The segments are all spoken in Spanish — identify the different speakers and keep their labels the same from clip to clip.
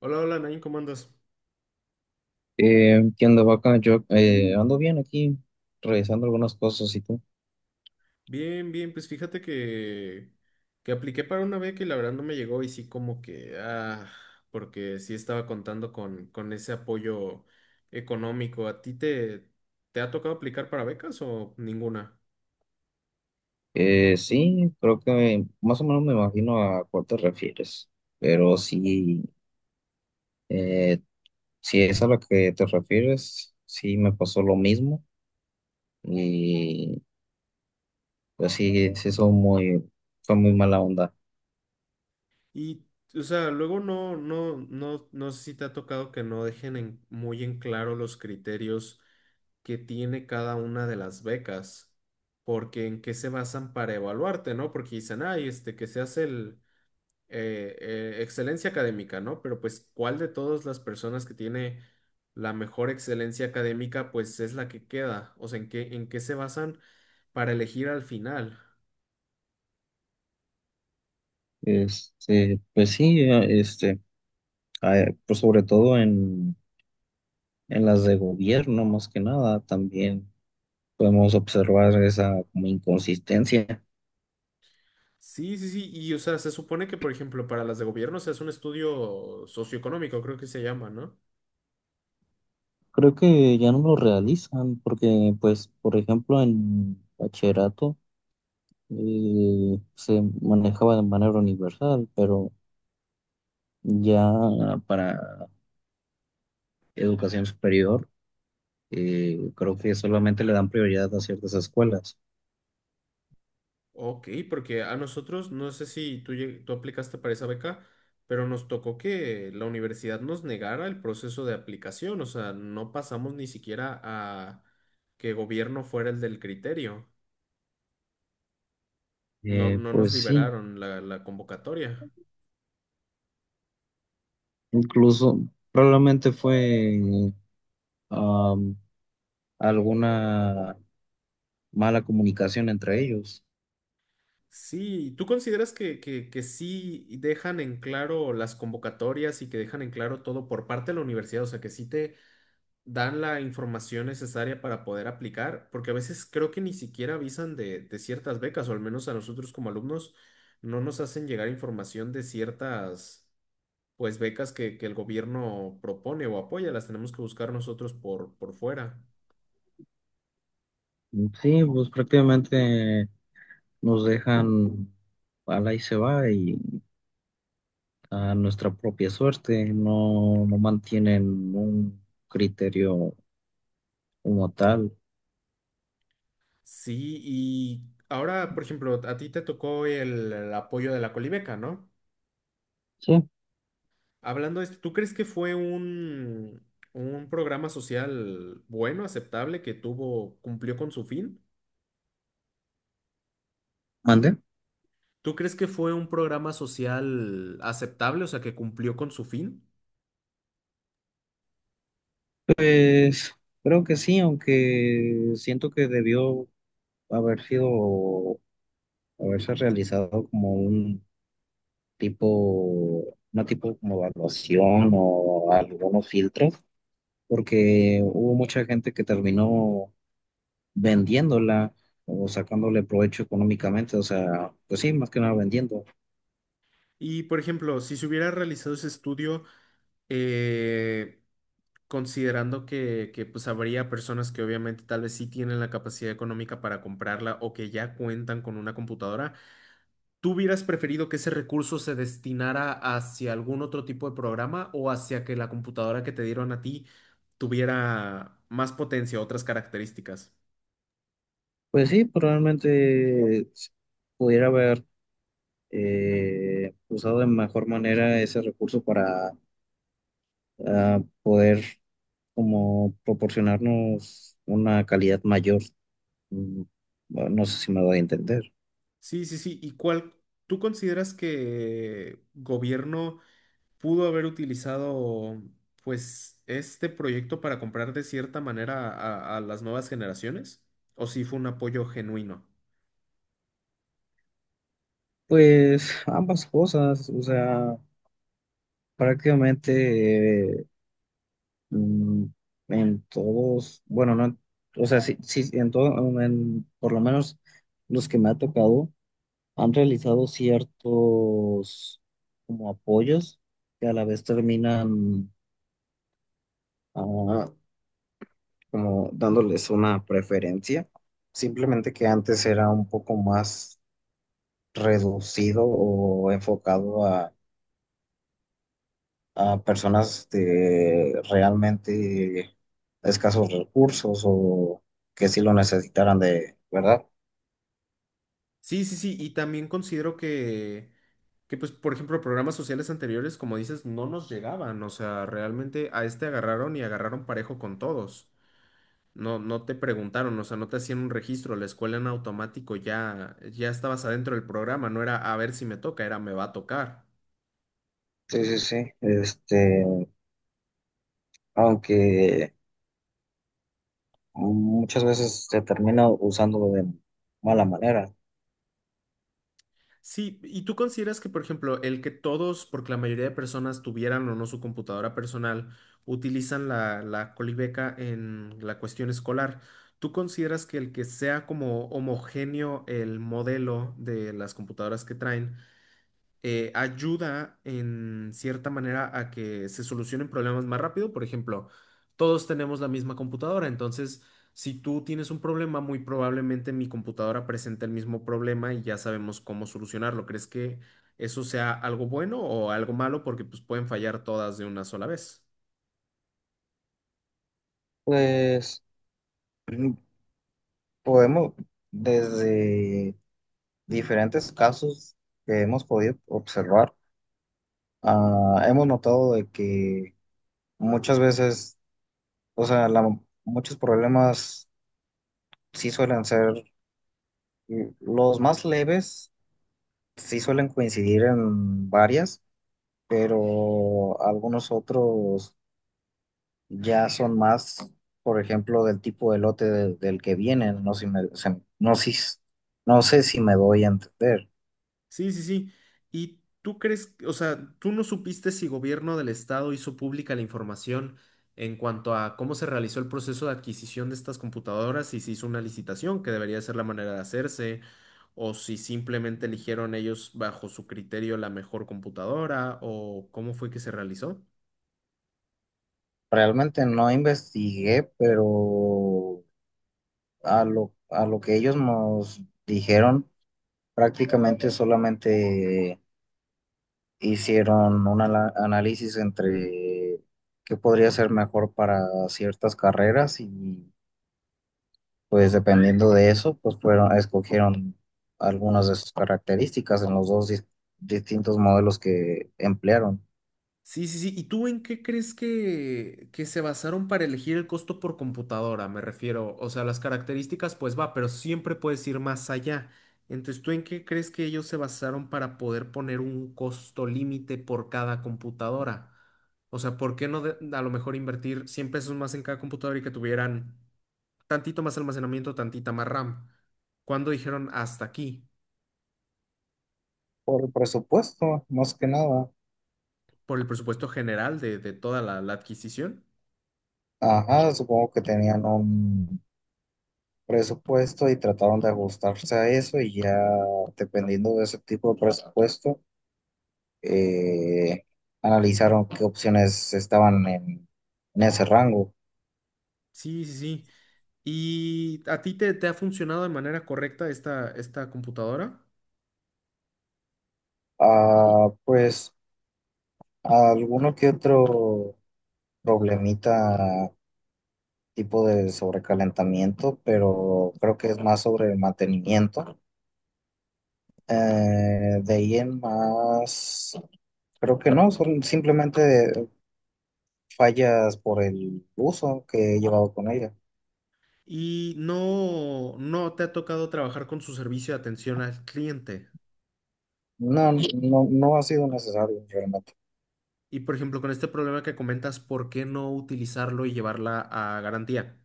Speaker 1: Hola, hola, Nain, ¿cómo andas?
Speaker 2: ¿Qué onda, vaca? Yo ando bien aquí, revisando algunas cosas. ¿Y tú?
Speaker 1: Bien, bien, pues fíjate que apliqué para una beca y la verdad no me llegó y sí como que, ah, porque sí estaba contando con ese apoyo económico. ¿A ti te ha tocado aplicar para becas o ninguna?
Speaker 2: Sí, creo que más o menos me imagino a cuál te refieres, pero sí, eh, si es a lo que te refieres, sí me pasó lo mismo y pues sí, son muy mala onda.
Speaker 1: Y, o sea, luego no sé si te ha tocado que no dejen en- muy en claro los criterios que tiene cada una de las becas, porque en qué se basan para evaluarte, ¿no? Porque dicen, ay, este, que seas el excelencia académica, ¿no? Pero pues, ¿cuál de todas las personas que tiene la mejor excelencia académica, pues es la que queda? O sea, ¿en qué se basan para elegir al final?
Speaker 2: Pues sí, pues sobre todo en las de gobierno más que nada, también podemos observar esa como inconsistencia.
Speaker 1: Sí, sí, sí, y o sea, se supone que, por ejemplo, para las de gobierno se hace un estudio socioeconómico, creo que se llama, ¿no?
Speaker 2: Creo que ya no me lo realizan porque, pues, por ejemplo, en bachillerato se manejaba de manera universal, pero ya para educación superior, creo que solamente le dan prioridad a ciertas escuelas.
Speaker 1: Ok, porque a nosotros, no sé si tú, lleg- tú aplicaste para esa beca, pero nos tocó que la universidad nos negara el proceso de aplicación, o sea, no pasamos ni siquiera a que gobierno fuera el del criterio, no, no nos
Speaker 2: Pues sí,
Speaker 1: liberaron la convocatoria.
Speaker 2: incluso probablemente fue am, alguna mala comunicación entre ellos.
Speaker 1: Sí, ¿tú consideras que sí dejan en claro las convocatorias y que dejan en claro todo por parte de la universidad? O sea, que sí dan la información necesaria para poder aplicar, porque a veces creo que ni siquiera avisan de ciertas becas, o al menos a nosotros como alumnos no nos hacen llegar información de ciertas, pues, becas que el gobierno propone o apoya, las tenemos que buscar nosotros por fuera.
Speaker 2: Sí, pues prácticamente nos dejan... Ala y se va y a nuestra propia suerte, no, no mantienen un criterio como tal.
Speaker 1: Sí, y ahora, por ejemplo, a ti te tocó el apoyo de la Colibeca, ¿no?
Speaker 2: Sí.
Speaker 1: Hablando de esto, ¿tú crees que fue un programa social bueno, aceptable, que tuvo, cumplió con su fin?
Speaker 2: ¿Mande?
Speaker 1: ¿Tú crees que fue un programa social aceptable, o sea, que cumplió con su fin?
Speaker 2: Pues creo que sí, aunque siento que haber sido, haberse realizado como un tipo, una tipo como evaluación o algunos filtros, porque hubo mucha gente que terminó vendiéndola o sacándole provecho económicamente, o sea, pues sí, más que nada vendiendo.
Speaker 1: Y, por ejemplo, si se hubiera realizado ese estudio, eh, considerando pues habría personas que obviamente tal vez sí tienen la capacidad económica para comprarla o que ya cuentan con una computadora, ¿tú hubieras preferido que ese recurso se destinara hacia algún otro tipo de programa o hacia que la computadora que te dieron a ti tuviera más potencia, otras características?
Speaker 2: Pues sí, probablemente pudiera haber usado de mejor manera ese recurso para, poder como proporcionarnos una calidad mayor. Mm, bueno, no sé si me voy a entender.
Speaker 1: Sí, sí, sí. ¿Y cuál tú consideras que gobierno pudo haber utilizado, pues, este proyecto para comprar de cierta manera a las nuevas generaciones? ¿O si fue un apoyo genuino?
Speaker 2: Pues ambas cosas, o sea, prácticamente, mm, en todos, bueno, no, o sea, sí, sí, en todo, en, por lo menos los que me ha tocado han realizado ciertos como apoyos que a la vez terminan, ah, como dándoles una preferencia, simplemente que antes era un poco más reducido o enfocado a personas de realmente escasos recursos o que sí lo necesitaran, de, ¿verdad?
Speaker 1: Sí, sí, sí. Y también considero pues, por ejemplo, programas sociales anteriores, como dices, no nos llegaban. O sea, realmente a este agarraron y agarraron parejo con todos. No, no te preguntaron, o sea, no te hacían un registro, la escuela en automático ya, ya estabas adentro del programa, no era a ver si me toca, era me va a tocar.
Speaker 2: Sí, sí, sí. Este, aunque muchas veces se termina usando de mala manera.
Speaker 1: Sí, ¿y tú consideras que, por ejemplo, el que todos, porque la mayoría de personas tuvieran o no su computadora personal, utilizan la Colibeca en la cuestión escolar, ¿tú consideras que el que sea como homogéneo el modelo de las computadoras que traen? Ayuda en cierta manera a que se solucionen problemas más rápido. Por ejemplo, todos tenemos la misma computadora, entonces si tú tienes un problema, muy probablemente mi computadora presente el mismo problema y ya sabemos cómo solucionarlo. ¿Crees que eso sea algo bueno o algo malo? Porque pues pueden fallar todas de una sola vez.
Speaker 2: Pues mm, podemos, desde diferentes casos que hemos podido observar, hemos notado de que muchas veces, o sea, muchos problemas sí suelen ser, mm, los más leves, sí suelen coincidir en varias, pero algunos otros ya son más, por ejemplo, del tipo de del que vienen, no, no, si, no sé si me doy a entender.
Speaker 1: Sí, sí, sí. ¿Y tú crees, o sea, tú no supiste si gobierno del estado hizo pública la información en cuanto a cómo se realizó el proceso de adquisición de estas computadoras y si hizo una licitación, que debería ser la manera de hacerse, o si simplemente eligieron ellos bajo su criterio la mejor computadora, o cómo fue que se realizó?
Speaker 2: Realmente no investigué, pero a lo que ellos nos dijeron, prácticamente solamente hicieron un análisis entre qué podría ser mejor para ciertas carreras, y pues dependiendo de eso, pues fueron, escogieron algunas de sus características en los dos distintos modelos que emplearon.
Speaker 1: Sí, sí, sí. ¿Y tú en qué crees que se basaron para elegir el costo por computadora? Me refiero, o sea, las características, pues va, pero siempre puedes ir más allá. Entonces, ¿tú en qué crees que ellos se basaron para poder poner un costo límite por cada computadora? O sea, ¿por qué no de- a lo mejor invertir 100 pesos más en cada computadora y que tuvieran tantito más almacenamiento, tantita más RAM? ¿Cuándo dijeron hasta aquí?
Speaker 2: Por el presupuesto, más que nada.
Speaker 1: ¿Por el presupuesto general de toda la la adquisición?
Speaker 2: Ajá, supongo que tenían un presupuesto y trataron de ajustarse a eso, y ya dependiendo de ese tipo de presupuesto, eh, analizaron qué opciones estaban en ese rango.
Speaker 1: Sí, sí, sí. ¿Y a ti te ha funcionado de manera correcta esta computadora?
Speaker 2: Ah, pues alguno que otro problemita tipo de sobrecalentamiento, pero creo que es más sobre el mantenimiento. De ahí en más, creo que no, son simplemente fallas por el uso que he llevado con ella.
Speaker 1: ¿Y no, no te ha tocado trabajar con su servicio de atención al cliente?
Speaker 2: No, no, no ha sido necesario realmente.
Speaker 1: Y por ejemplo, con este problema que comentas, ¿por qué no utilizarlo y llevarla a garantía?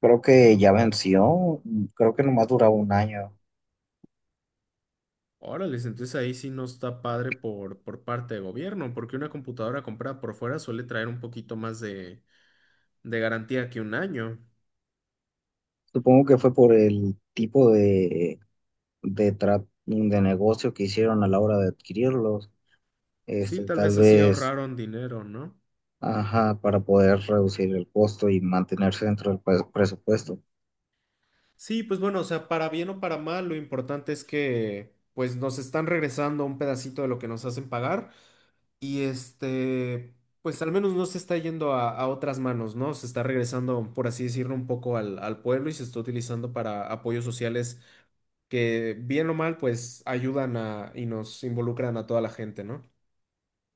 Speaker 2: Creo que ya venció, creo que nomás duraba un año.
Speaker 1: Órale, entonces ahí sí no está padre por parte de gobierno, porque una computadora comprada por fuera suele traer un poquito más de garantía que 1 año.
Speaker 2: Supongo que fue por el tipo de, de negocio que hicieron a la hora de adquirirlos.
Speaker 1: Sí,
Speaker 2: Este,
Speaker 1: tal
Speaker 2: tal
Speaker 1: vez así
Speaker 2: vez.
Speaker 1: ahorraron dinero, ¿no?
Speaker 2: Ajá, para poder reducir el costo y mantenerse dentro del presupuesto.
Speaker 1: Sí, pues bueno, o sea, para bien o para mal, lo importante es que pues nos están regresando un pedacito de lo que nos hacen pagar y este, pues al menos no se está yendo a otras manos, ¿no? Se está regresando, por así decirlo, un poco al, al pueblo y se está utilizando para apoyos sociales que bien o mal, pues ayudan a y nos involucran a toda la gente, ¿no?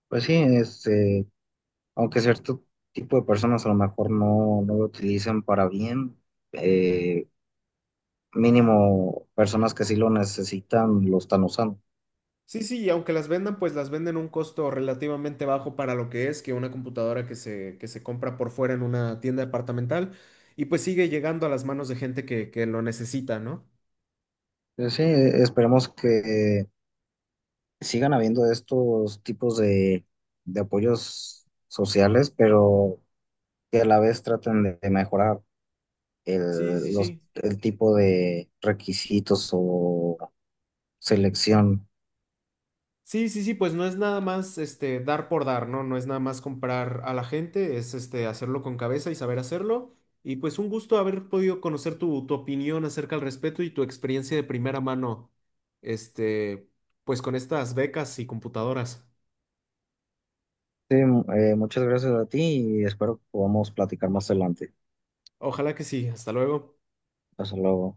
Speaker 2: Pues sí, este, aunque cierto tipo de personas a lo mejor no no lo utilizan para bien, eh, mínimo personas que sí lo necesitan lo están usando.
Speaker 1: Sí, sí, y aunque las vendan, pues las venden a un costo relativamente bajo para lo que es que una computadora que se compra por fuera en una tienda departamental y pues sigue llegando a las manos de gente que lo necesita, ¿no?
Speaker 2: Pues sí, esperemos que sigan habiendo estos tipos de apoyos sociales, pero que a la vez traten de mejorar
Speaker 1: Sí, sí,
Speaker 2: el, los,
Speaker 1: sí.
Speaker 2: el tipo de requisitos o selección.
Speaker 1: Sí, sí, sí, pues no es nada más este dar por dar, ¿no? No es nada más comprar a la gente, es este hacerlo con cabeza y saber hacerlo. Y pues un gusto haber podido conocer tu, tu opinión acerca al respecto y tu experiencia de primera mano, este, pues con estas becas y computadoras.
Speaker 2: Sí, muchas gracias a ti y espero que podamos platicar más adelante.
Speaker 1: Ojalá que sí. Hasta luego.
Speaker 2: Hasta luego.